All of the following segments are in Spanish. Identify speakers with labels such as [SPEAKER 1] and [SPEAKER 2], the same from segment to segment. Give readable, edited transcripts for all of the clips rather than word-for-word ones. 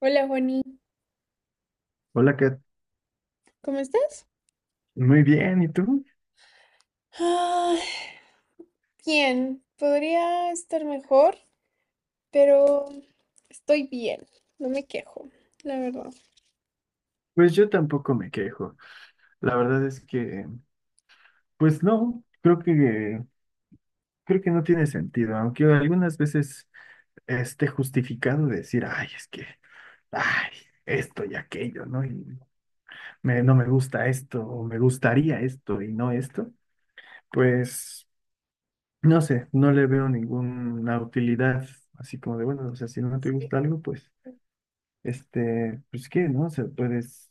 [SPEAKER 1] Hola Juanita,
[SPEAKER 2] Hola, Kat.
[SPEAKER 1] ¿cómo estás?
[SPEAKER 2] Muy bien, ¿y tú?
[SPEAKER 1] Ay, bien, podría estar mejor, pero estoy bien, no me quejo, la verdad.
[SPEAKER 2] Pues yo tampoco me quejo. La verdad es que, pues no, creo que no tiene sentido, aunque algunas veces esté justificado decir, ay, es que, ay, esto y aquello, ¿no? Y no me gusta esto, o me gustaría esto y no esto. Pues, no sé, no le veo ninguna utilidad, así como de, bueno, o sea, si no te
[SPEAKER 1] Sí,
[SPEAKER 2] gusta algo, pues, pues qué, ¿no? O sea, puedes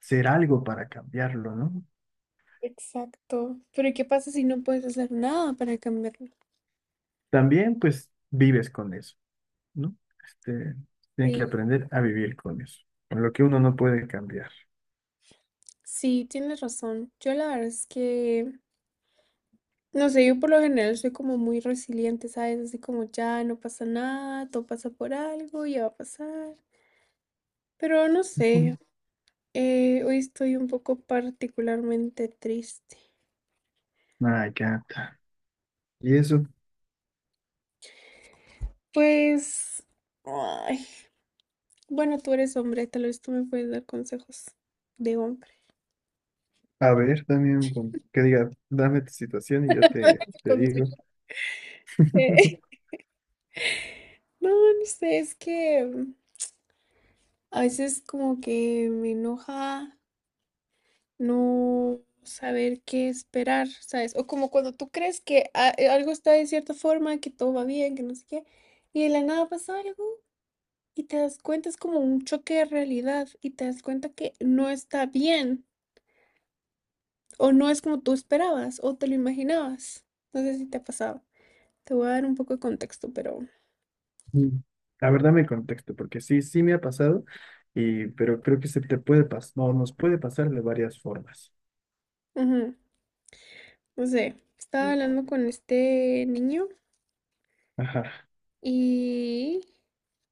[SPEAKER 2] hacer algo para cambiarlo, ¿no?
[SPEAKER 1] exacto, pero ¿qué pasa si no puedes hacer nada para cambiarlo?
[SPEAKER 2] También pues vives con eso, ¿no? Este, tiene que
[SPEAKER 1] Sí,
[SPEAKER 2] aprender a vivir con eso, con lo que uno no puede cambiar.
[SPEAKER 1] sí, tienes razón. Yo la verdad es que, no sé, yo por lo general soy como muy resiliente, ¿sabes? Así como ya no pasa nada, todo pasa por algo, ya va a pasar. Pero no
[SPEAKER 2] Ujú.
[SPEAKER 1] sé, hoy estoy un poco particularmente triste.
[SPEAKER 2] Ah, ya está. Y eso,
[SPEAKER 1] Pues, ay, bueno, tú eres hombre, tal vez tú me puedes dar consejos de hombre.
[SPEAKER 2] a ver, también que diga, dame tu situación y yo te digo.
[SPEAKER 1] Consejo de- No, no sé, es que a veces como que me enoja no saber qué esperar, ¿sabes? O como cuando tú crees que algo está de cierta forma, que todo va bien, que no sé qué, y de la nada pasa algo y te das cuenta, es como un choque de realidad y te das cuenta que no está bien. O no es como tú esperabas o te lo imaginabas. No sé si te ha pasado. Te voy a dar un poco de contexto, pero...
[SPEAKER 2] Mm. La verdad me contexto, porque sí, sí me ha pasado, y, pero creo que se te puede pasar, no, nos puede pasar de varias formas.
[SPEAKER 1] Ujú. No sé, estaba
[SPEAKER 2] Mm.
[SPEAKER 1] hablando con este niño
[SPEAKER 2] Ajá.
[SPEAKER 1] y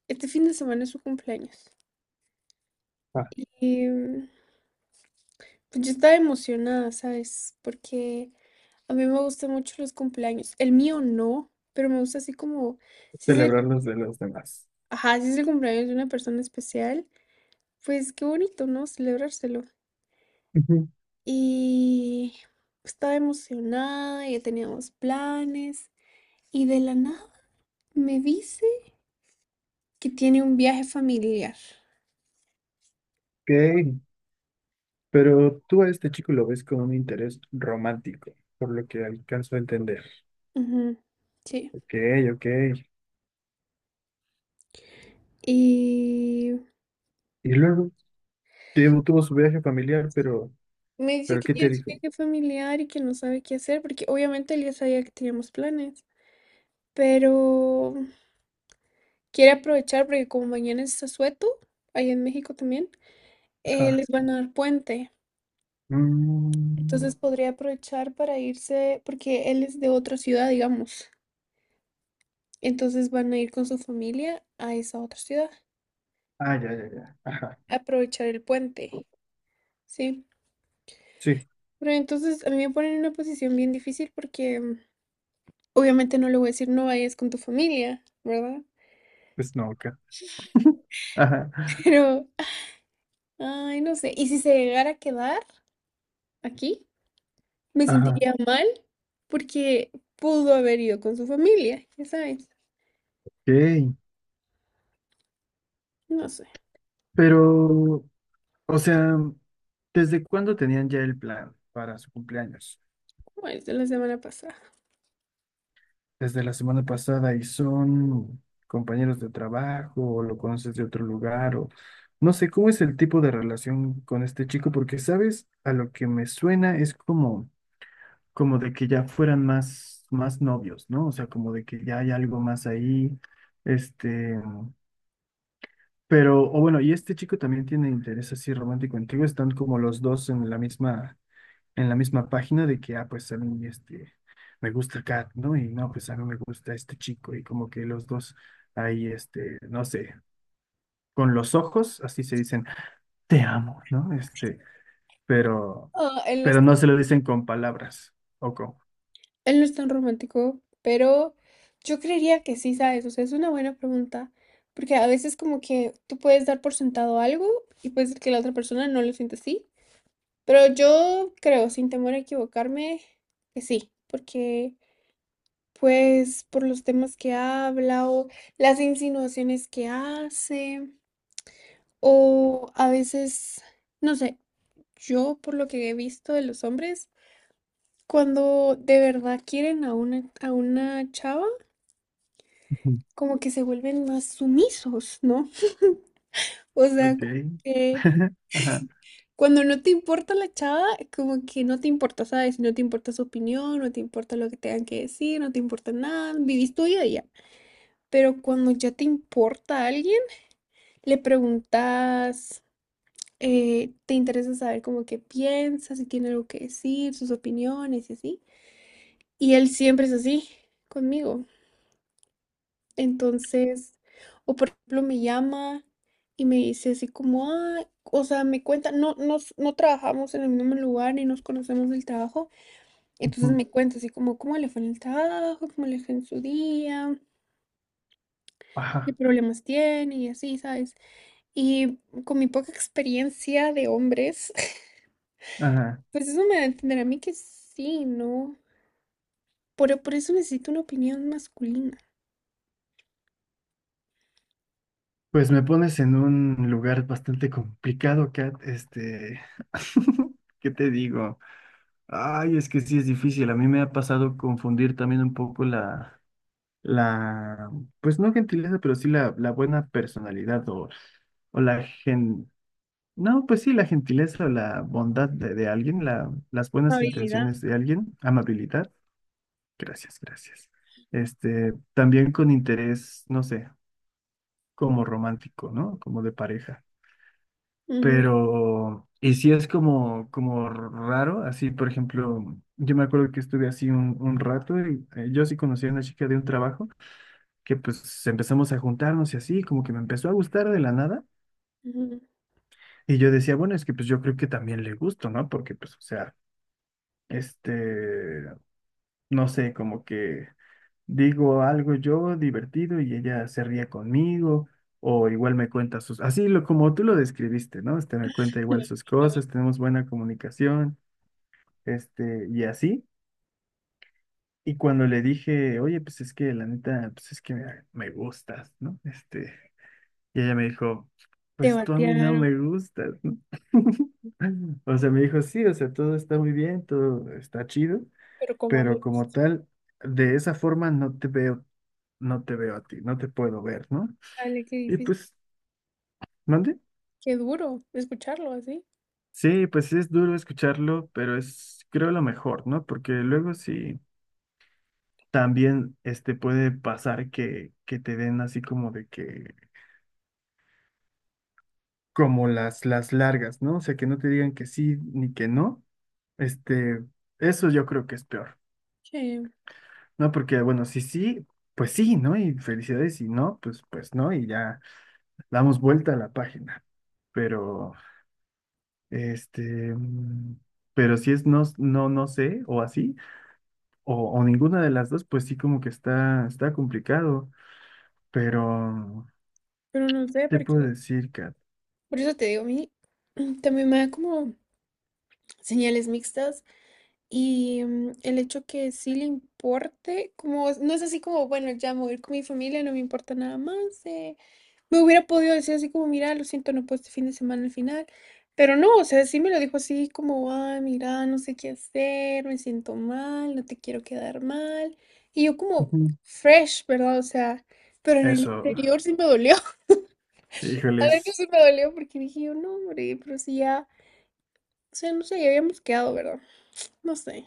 [SPEAKER 1] este fin de semana es su cumpleaños.
[SPEAKER 2] Ah,
[SPEAKER 1] Y pues yo estaba emocionada, ¿sabes? Porque a mí me gustan mucho los cumpleaños. El mío no, pero me gusta así como... Si es
[SPEAKER 2] celebrar
[SPEAKER 1] el,
[SPEAKER 2] los de los demás.
[SPEAKER 1] ajá, si es el cumpleaños de una persona especial, pues qué bonito, ¿no? Celebrárselo.
[SPEAKER 2] Ujú.
[SPEAKER 1] Y estaba emocionada, ya teníamos planes. Y de la nada me dice que tiene un viaje familiar.
[SPEAKER 2] Ok. Pero tú a este chico lo ves con un interés romántico, por lo que alcanzo a entender.
[SPEAKER 1] Ujú, sí.
[SPEAKER 2] Ok, ok.
[SPEAKER 1] Y
[SPEAKER 2] Y luego tuvo su viaje familiar, pero,
[SPEAKER 1] me dice
[SPEAKER 2] pero
[SPEAKER 1] que
[SPEAKER 2] ¿qué te
[SPEAKER 1] tiene un
[SPEAKER 2] dijo?
[SPEAKER 1] viaje familiar y que no sabe qué hacer, porque obviamente él ya sabía que teníamos planes. Pero quiere aprovechar porque como mañana es Asueto, allá en México también,
[SPEAKER 2] Ajá.
[SPEAKER 1] les van a dar puente.
[SPEAKER 2] Mm,
[SPEAKER 1] Entonces podría aprovechar para irse, porque él es de otra ciudad, digamos. Entonces van a ir con su familia a esa otra ciudad,
[SPEAKER 2] ah, ya, ya, ya. Ajá.
[SPEAKER 1] a aprovechar el puente, ¿sí?
[SPEAKER 2] Sí,
[SPEAKER 1] Pero entonces a mí me ponen en una posición bien difícil porque obviamente no le voy a decir no vayas con tu familia, ¿verdad?
[SPEAKER 2] pues no, acá. Ajá.
[SPEAKER 1] Pero, ay, no sé. Y si se llegara a quedar aquí, me
[SPEAKER 2] Ajá.
[SPEAKER 1] sentiría mal porque pudo haber ido con su familia, ya sabes.
[SPEAKER 2] Ok.
[SPEAKER 1] No sé,
[SPEAKER 2] Pero, o sea, ¿desde cuándo tenían ya el plan para su cumpleaños?
[SPEAKER 1] ¿cómo es de la semana pasada?
[SPEAKER 2] Desde la semana pasada y son compañeros de trabajo o lo conoces de otro lugar o no sé cómo es el tipo de relación con este chico porque sabes, a lo que me suena es como de que ya fueran más novios, ¿no? O sea, como de que ya hay algo más ahí, este, pero o bueno, y este chico también tiene interés así romántico contigo, están como los dos en la misma página de que, ah, pues a mí me gusta Kat, ¿no? Y no, pues a mí me gusta este chico y como que los dos ahí, no sé, con los ojos, así se dicen, te amo, ¿no? Pero,
[SPEAKER 1] Ah, en la
[SPEAKER 2] pero no se lo dicen con palabras, o con,
[SPEAKER 1] Él no es tan romántico, pero yo creería que sí, ¿sabes? O sea, es una buena pregunta, porque a veces como que tú puedes dar por sentado algo y puede ser que la otra persona no lo sienta así, pero yo creo, sin temor a equivocarme, que sí, porque pues por los temas que habla o las insinuaciones que hace, o a veces, no sé, yo por lo que he visto de los hombres, cuando de verdad quieren a a una chava,
[SPEAKER 2] Ujú,
[SPEAKER 1] como que se vuelven más sumisos, ¿no? O sea,
[SPEAKER 2] ok,
[SPEAKER 1] como que
[SPEAKER 2] ajá,
[SPEAKER 1] cuando no te importa la chava, como que no te importa, ¿sabes? No te importa su opinión, no te importa lo que tengan que decir, no te importa nada, vivís tu vida y ya. Pero cuando ya te importa a alguien, le preguntas, te interesa saber como que piensa, si tiene algo que decir, sus opiniones y así. Y él siempre es así conmigo. Entonces, o por ejemplo, me llama y me dice así como, ah, o sea, me cuenta, no trabajamos en el mismo lugar ni nos conocemos del trabajo. Entonces
[SPEAKER 2] ujú.
[SPEAKER 1] me cuenta así como, ¿cómo le fue en el trabajo? ¿Cómo le fue en su día? ¿Qué
[SPEAKER 2] Ajá,
[SPEAKER 1] problemas tiene? Y así, ¿sabes? Y con mi poca experiencia de hombres,
[SPEAKER 2] ajá.
[SPEAKER 1] pues eso me da a entender a mí que sí, ¿no? Por eso necesito una opinión masculina.
[SPEAKER 2] Pues me pones en un lugar bastante complicado, Kat, ¿qué te digo? Ay, es que sí es difícil. A mí me ha pasado confundir también un poco la, pues no gentileza, pero sí la buena personalidad o, o la gen, no, pues sí, la gentileza o la bondad de alguien, las buenas
[SPEAKER 1] Habilidad.
[SPEAKER 2] intenciones de alguien, amabilidad. Gracias, gracias. Este, también con interés, no sé, como romántico, ¿no? Como de pareja.
[SPEAKER 1] Ujú,
[SPEAKER 2] Pero, y sí es como raro, así, por ejemplo, yo me acuerdo que estuve así un rato y yo sí conocí a una chica de un trabajo que pues empezamos a juntarnos y así, como que me empezó a gustar de la nada.
[SPEAKER 1] ujú.
[SPEAKER 2] Y yo decía, bueno, es que pues yo creo que también le gusto, ¿no? Porque pues, o sea, este, no sé, como que digo algo yo divertido y ella se ríe conmigo. O igual me cuenta sus, así como tú lo describiste, ¿no? Me cuenta igual sus cosas, tenemos buena comunicación, y así. Y cuando le dije, oye, pues es que la neta, pues es que me gustas, ¿no? Y ella me dijo,
[SPEAKER 1] Te
[SPEAKER 2] pues tú a mí no
[SPEAKER 1] batearon.
[SPEAKER 2] me gustas, ¿no? O sea, me dijo, sí, o sea, todo está muy bien, todo está chido,
[SPEAKER 1] Pero como
[SPEAKER 2] pero
[SPEAKER 1] amigos.
[SPEAKER 2] como tal, de esa forma no te veo, no te veo a ti, no te puedo ver, ¿no?
[SPEAKER 1] Dale, qué
[SPEAKER 2] Y
[SPEAKER 1] difícil,
[SPEAKER 2] pues, ¿mande?
[SPEAKER 1] qué duro escucharlo así.
[SPEAKER 2] Sí, pues es duro escucharlo, pero es, creo, lo mejor, ¿no? Porque luego sí. También puede pasar que te den así como de que, como las largas, ¿no? O sea, que no te digan que sí ni que no. Este, eso yo creo que es peor,
[SPEAKER 1] que-
[SPEAKER 2] ¿no? Porque, bueno, si sí, pues sí, ¿no? Y felicidades, si no, pues, pues no, y ya damos vuelta a la página. Pero, este, mm, pero si es no, no, no sé, o así, o ninguna de las dos, pues sí como que está, está complicado. Pero,
[SPEAKER 1] pero no sé
[SPEAKER 2] ¿qué te
[SPEAKER 1] por
[SPEAKER 2] puedo
[SPEAKER 1] qué.
[SPEAKER 2] decir, Kat?
[SPEAKER 1] Por eso te digo, a mí también me da como señales mixtas y el hecho que sí le importe, como no es así como, bueno, ya me voy a ir con mi familia, no me importa nada más, me hubiera podido decir así como: "Mira, lo siento, no puedo este fin de semana al final", pero no, o sea, sí me lo dijo así como: "Ay, mira, no sé qué hacer, me siento mal, no te quiero quedar mal", y yo como
[SPEAKER 2] Ujú.
[SPEAKER 1] fresh, ¿verdad? O sea, pero en el
[SPEAKER 2] Eso,
[SPEAKER 1] interior sí me dolió, adentro
[SPEAKER 2] híjoles.
[SPEAKER 1] sí me dolió porque dije yo: "No, hombre, pero si ya, o sea, no sé, ya habíamos quedado, ¿verdad?". No sé.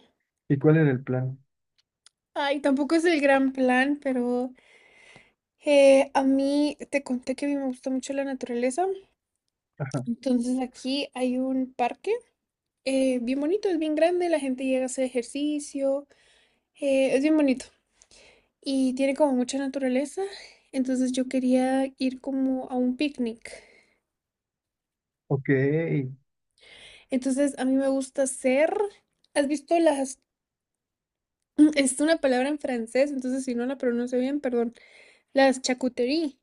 [SPEAKER 2] ¿Y cuál era el plan?
[SPEAKER 1] Ay, tampoco es el gran plan, pero, a mí te conté que a mí me gusta mucho la naturaleza,
[SPEAKER 2] Ajá.
[SPEAKER 1] entonces aquí hay un parque bien bonito, es bien grande, la gente llega a hacer ejercicio, es bien bonito y tiene como mucha naturaleza, entonces yo quería ir como a un picnic.
[SPEAKER 2] Ok.
[SPEAKER 1] Entonces a mí me gusta hacer, ¿has visto las, es una palabra en francés, entonces si no la pronuncio bien, perdón, las charcuterie,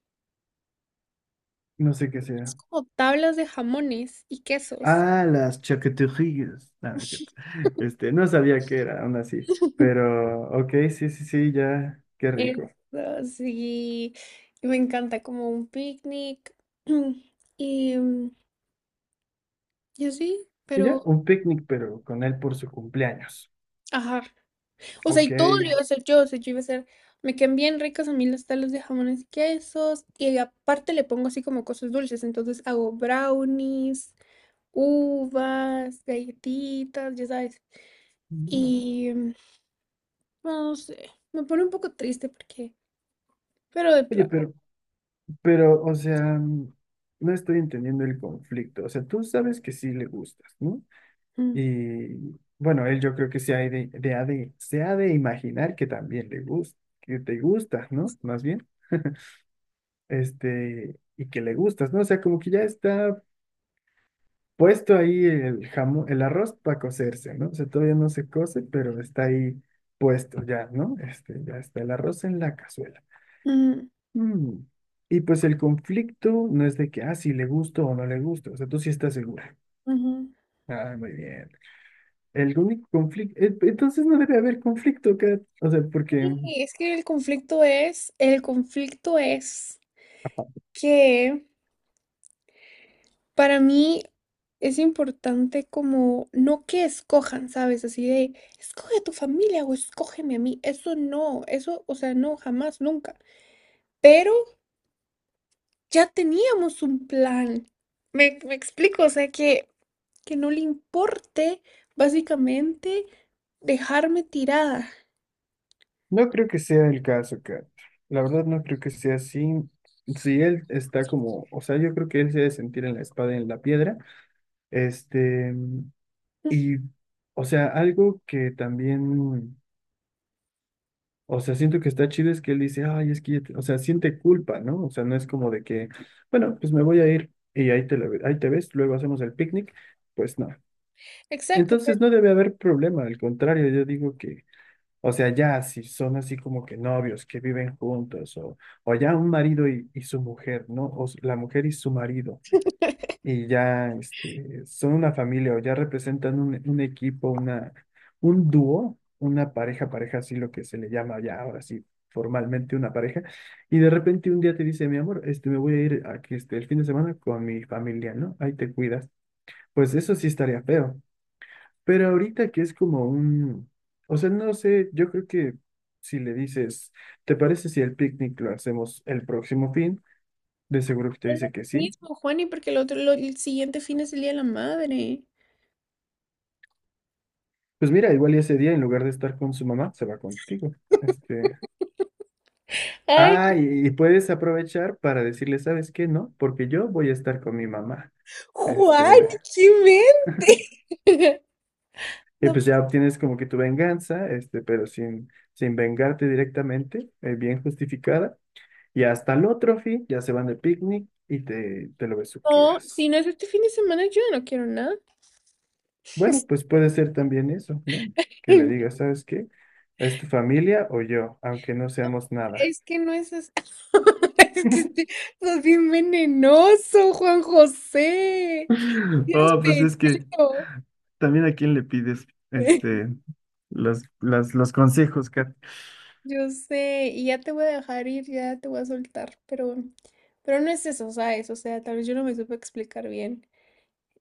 [SPEAKER 2] No sé qué
[SPEAKER 1] es
[SPEAKER 2] sea.
[SPEAKER 1] como tablas de jamones y quesos.
[SPEAKER 2] Ah, las chaqueterías. No, no es cierto. No sabía qué era, aún así. Pero, ok, sí, sí, sí, ya, qué
[SPEAKER 1] Eso,
[SPEAKER 2] rico.
[SPEAKER 1] sí, y me encanta como un picnic y, y así,
[SPEAKER 2] Y ya,
[SPEAKER 1] pero,
[SPEAKER 2] un picnic, pero con él por su cumpleaños.
[SPEAKER 1] ajá. O sea, y
[SPEAKER 2] Ok.
[SPEAKER 1] todo lo iba a hacer yo, o sea, yo iba a hacer, me quedan bien ricas a mí las talas de jamones y quesos, y aparte le pongo así como cosas dulces, entonces hago brownies, uvas, galletitas, ya sabes,
[SPEAKER 2] Mm.
[SPEAKER 1] y no sé, me pone un poco triste porque, pero de
[SPEAKER 2] Oye,
[SPEAKER 1] plano.
[SPEAKER 2] pero, o sea, no estoy entendiendo el conflicto. O sea, tú sabes que sí le gustas, ¿no?
[SPEAKER 1] mm,
[SPEAKER 2] Y bueno, él yo creo que se ha de imaginar que también le gusta, que te gustas,
[SPEAKER 1] es-
[SPEAKER 2] ¿no? Más bien, y que le gustas, ¿no? O sea, como que ya está puesto ahí el jamón, el arroz para cocerse, ¿no? O sea, todavía no se cose, pero está ahí puesto ya, ¿no? Ya está el arroz en la cazuela.
[SPEAKER 1] mm,
[SPEAKER 2] Mm. Y pues el conflicto no es de que, ah, si le gusto o no le gusto, o sea, tú sí estás segura.
[SPEAKER 1] Ujú.
[SPEAKER 2] Ah, muy bien. El único conflicto, entonces no debe haber conflicto, Kat. O sea, porque
[SPEAKER 1] Sí, es que el conflicto es que para mí es importante como no que escojan, ¿sabes? Así de, escoge a tu familia o escógeme a mí. Eso no, eso, o sea, no, jamás, nunca. Pero ya teníamos un plan. Me explico, o sea, que no le importe básicamente dejarme tirada.
[SPEAKER 2] no creo que sea el caso, Kat. La verdad no creo que sea así. Si él está como, o sea, yo creo que él se debe sentir en la espada y en la piedra. Este, y, o sea, algo que también, o sea, siento que está chido es que él dice, ay, es que, o sea, siente culpa, ¿no? O sea, no es como de que, bueno, pues me voy a ir y ahí ahí te ves, luego hacemos el picnic. Pues no.
[SPEAKER 1] Exacto, pero
[SPEAKER 2] Entonces no debe haber problema, al contrario, yo digo que, o sea, ya si son así como que novios que viven juntos, o ya un marido y su mujer, ¿no? O la mujer y su marido, y ya son una familia, o ya representan un equipo, un dúo, una pareja, pareja, así lo que se le llama ya ahora sí, formalmente una pareja, y de repente un día te dice, mi amor, me voy a ir aquí el fin de semana con mi familia, ¿no? Ahí te cuidas. Pues eso sí estaría feo. Pero ahorita que es como o sea, no sé, yo creo que si le dices, ¿te parece si el picnic lo hacemos el próximo fin? De seguro que te
[SPEAKER 1] no es lo
[SPEAKER 2] dice que sí.
[SPEAKER 1] mismo, Juani, porque el otro, el siguiente fin es el Día de la Madre.
[SPEAKER 2] Pues mira, igual y ese día en lugar de estar con su mamá, se va contigo. Este,
[SPEAKER 1] Ay,
[SPEAKER 2] ah, y puedes aprovechar para decirle, ¿sabes qué? No, porque yo voy a estar con mi mamá.
[SPEAKER 1] Juan,
[SPEAKER 2] Este,
[SPEAKER 1] qué mente.
[SPEAKER 2] y
[SPEAKER 1] No
[SPEAKER 2] pues ya obtienes como que tu venganza, este, pero sin vengarte directamente, bien justificada. Y hasta el otro fin ya se van de picnic y te lo
[SPEAKER 1] No, si
[SPEAKER 2] besuqueas.
[SPEAKER 1] no es este fin de semana, yo no quiero nada.
[SPEAKER 2] Bueno, pues puede ser también eso, ¿no? Que le
[SPEAKER 1] No,
[SPEAKER 2] digas, ¿sabes qué? ¿Es tu familia o yo? Aunque no seamos nada.
[SPEAKER 1] es que no es así. Es que este- Sos bien venenoso, Juan José. Tienes
[SPEAKER 2] Oh, pues es que
[SPEAKER 1] pechito.
[SPEAKER 2] también a quién le pides este las, las, los consejos, Kat.
[SPEAKER 1] Yo sé, y ya te voy a dejar ir, ya te voy a soltar, pero no es eso, ¿sabes? O sea, tal vez yo no me supe explicar bien.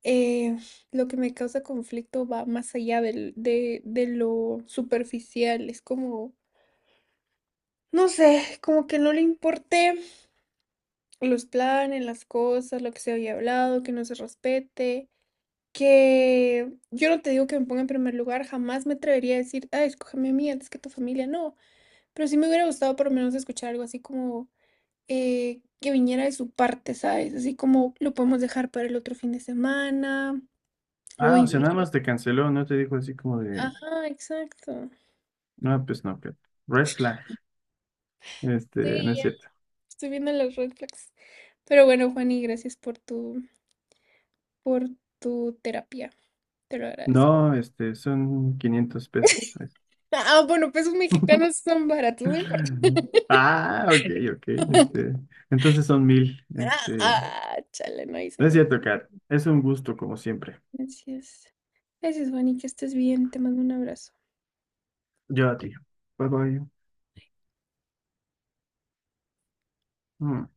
[SPEAKER 1] Eh, lo que me causa conflicto va más allá de lo superficial, es como, no sé, como que no le importé los planes, las cosas, lo que se había hablado, que no se respete, que yo no te digo que me ponga en primer lugar, jamás me atrevería a decir, ah, escógeme a mí antes que a tu familia, no, pero sí me hubiera gustado por lo menos escuchar algo así como que viniera de su parte, ¿sabes? Así como lo podemos dejar para el otro fin de semana, o
[SPEAKER 2] Ah, o sea, nada
[SPEAKER 1] incluso...
[SPEAKER 2] más te
[SPEAKER 1] lo-
[SPEAKER 2] canceló, no te dijo así como de,
[SPEAKER 1] ajá, exacto.
[SPEAKER 2] no, pues no, Kat. Red flag. Este,
[SPEAKER 1] Sí,
[SPEAKER 2] no es
[SPEAKER 1] ya
[SPEAKER 2] cierto.
[SPEAKER 1] estoy viendo las red flags. Pero bueno, Juani, gracias por tu terapia, te lo agradezco.
[SPEAKER 2] No, son 500 pesos.
[SPEAKER 1] Ah, bueno, pesos mexicanos son baratos, no importa.
[SPEAKER 2] Ah, ok, ok. Este, entonces son 1,000.
[SPEAKER 1] Ah,
[SPEAKER 2] Este,
[SPEAKER 1] ah, chale, no hice
[SPEAKER 2] no es
[SPEAKER 1] nada.
[SPEAKER 2] cierto, Kat. Es un gusto, como siempre.
[SPEAKER 1] Gracias. Gracias, Bonnie, que estés bien. Te mando un abrazo.
[SPEAKER 2] Yo a ti. Bye bye. Mm.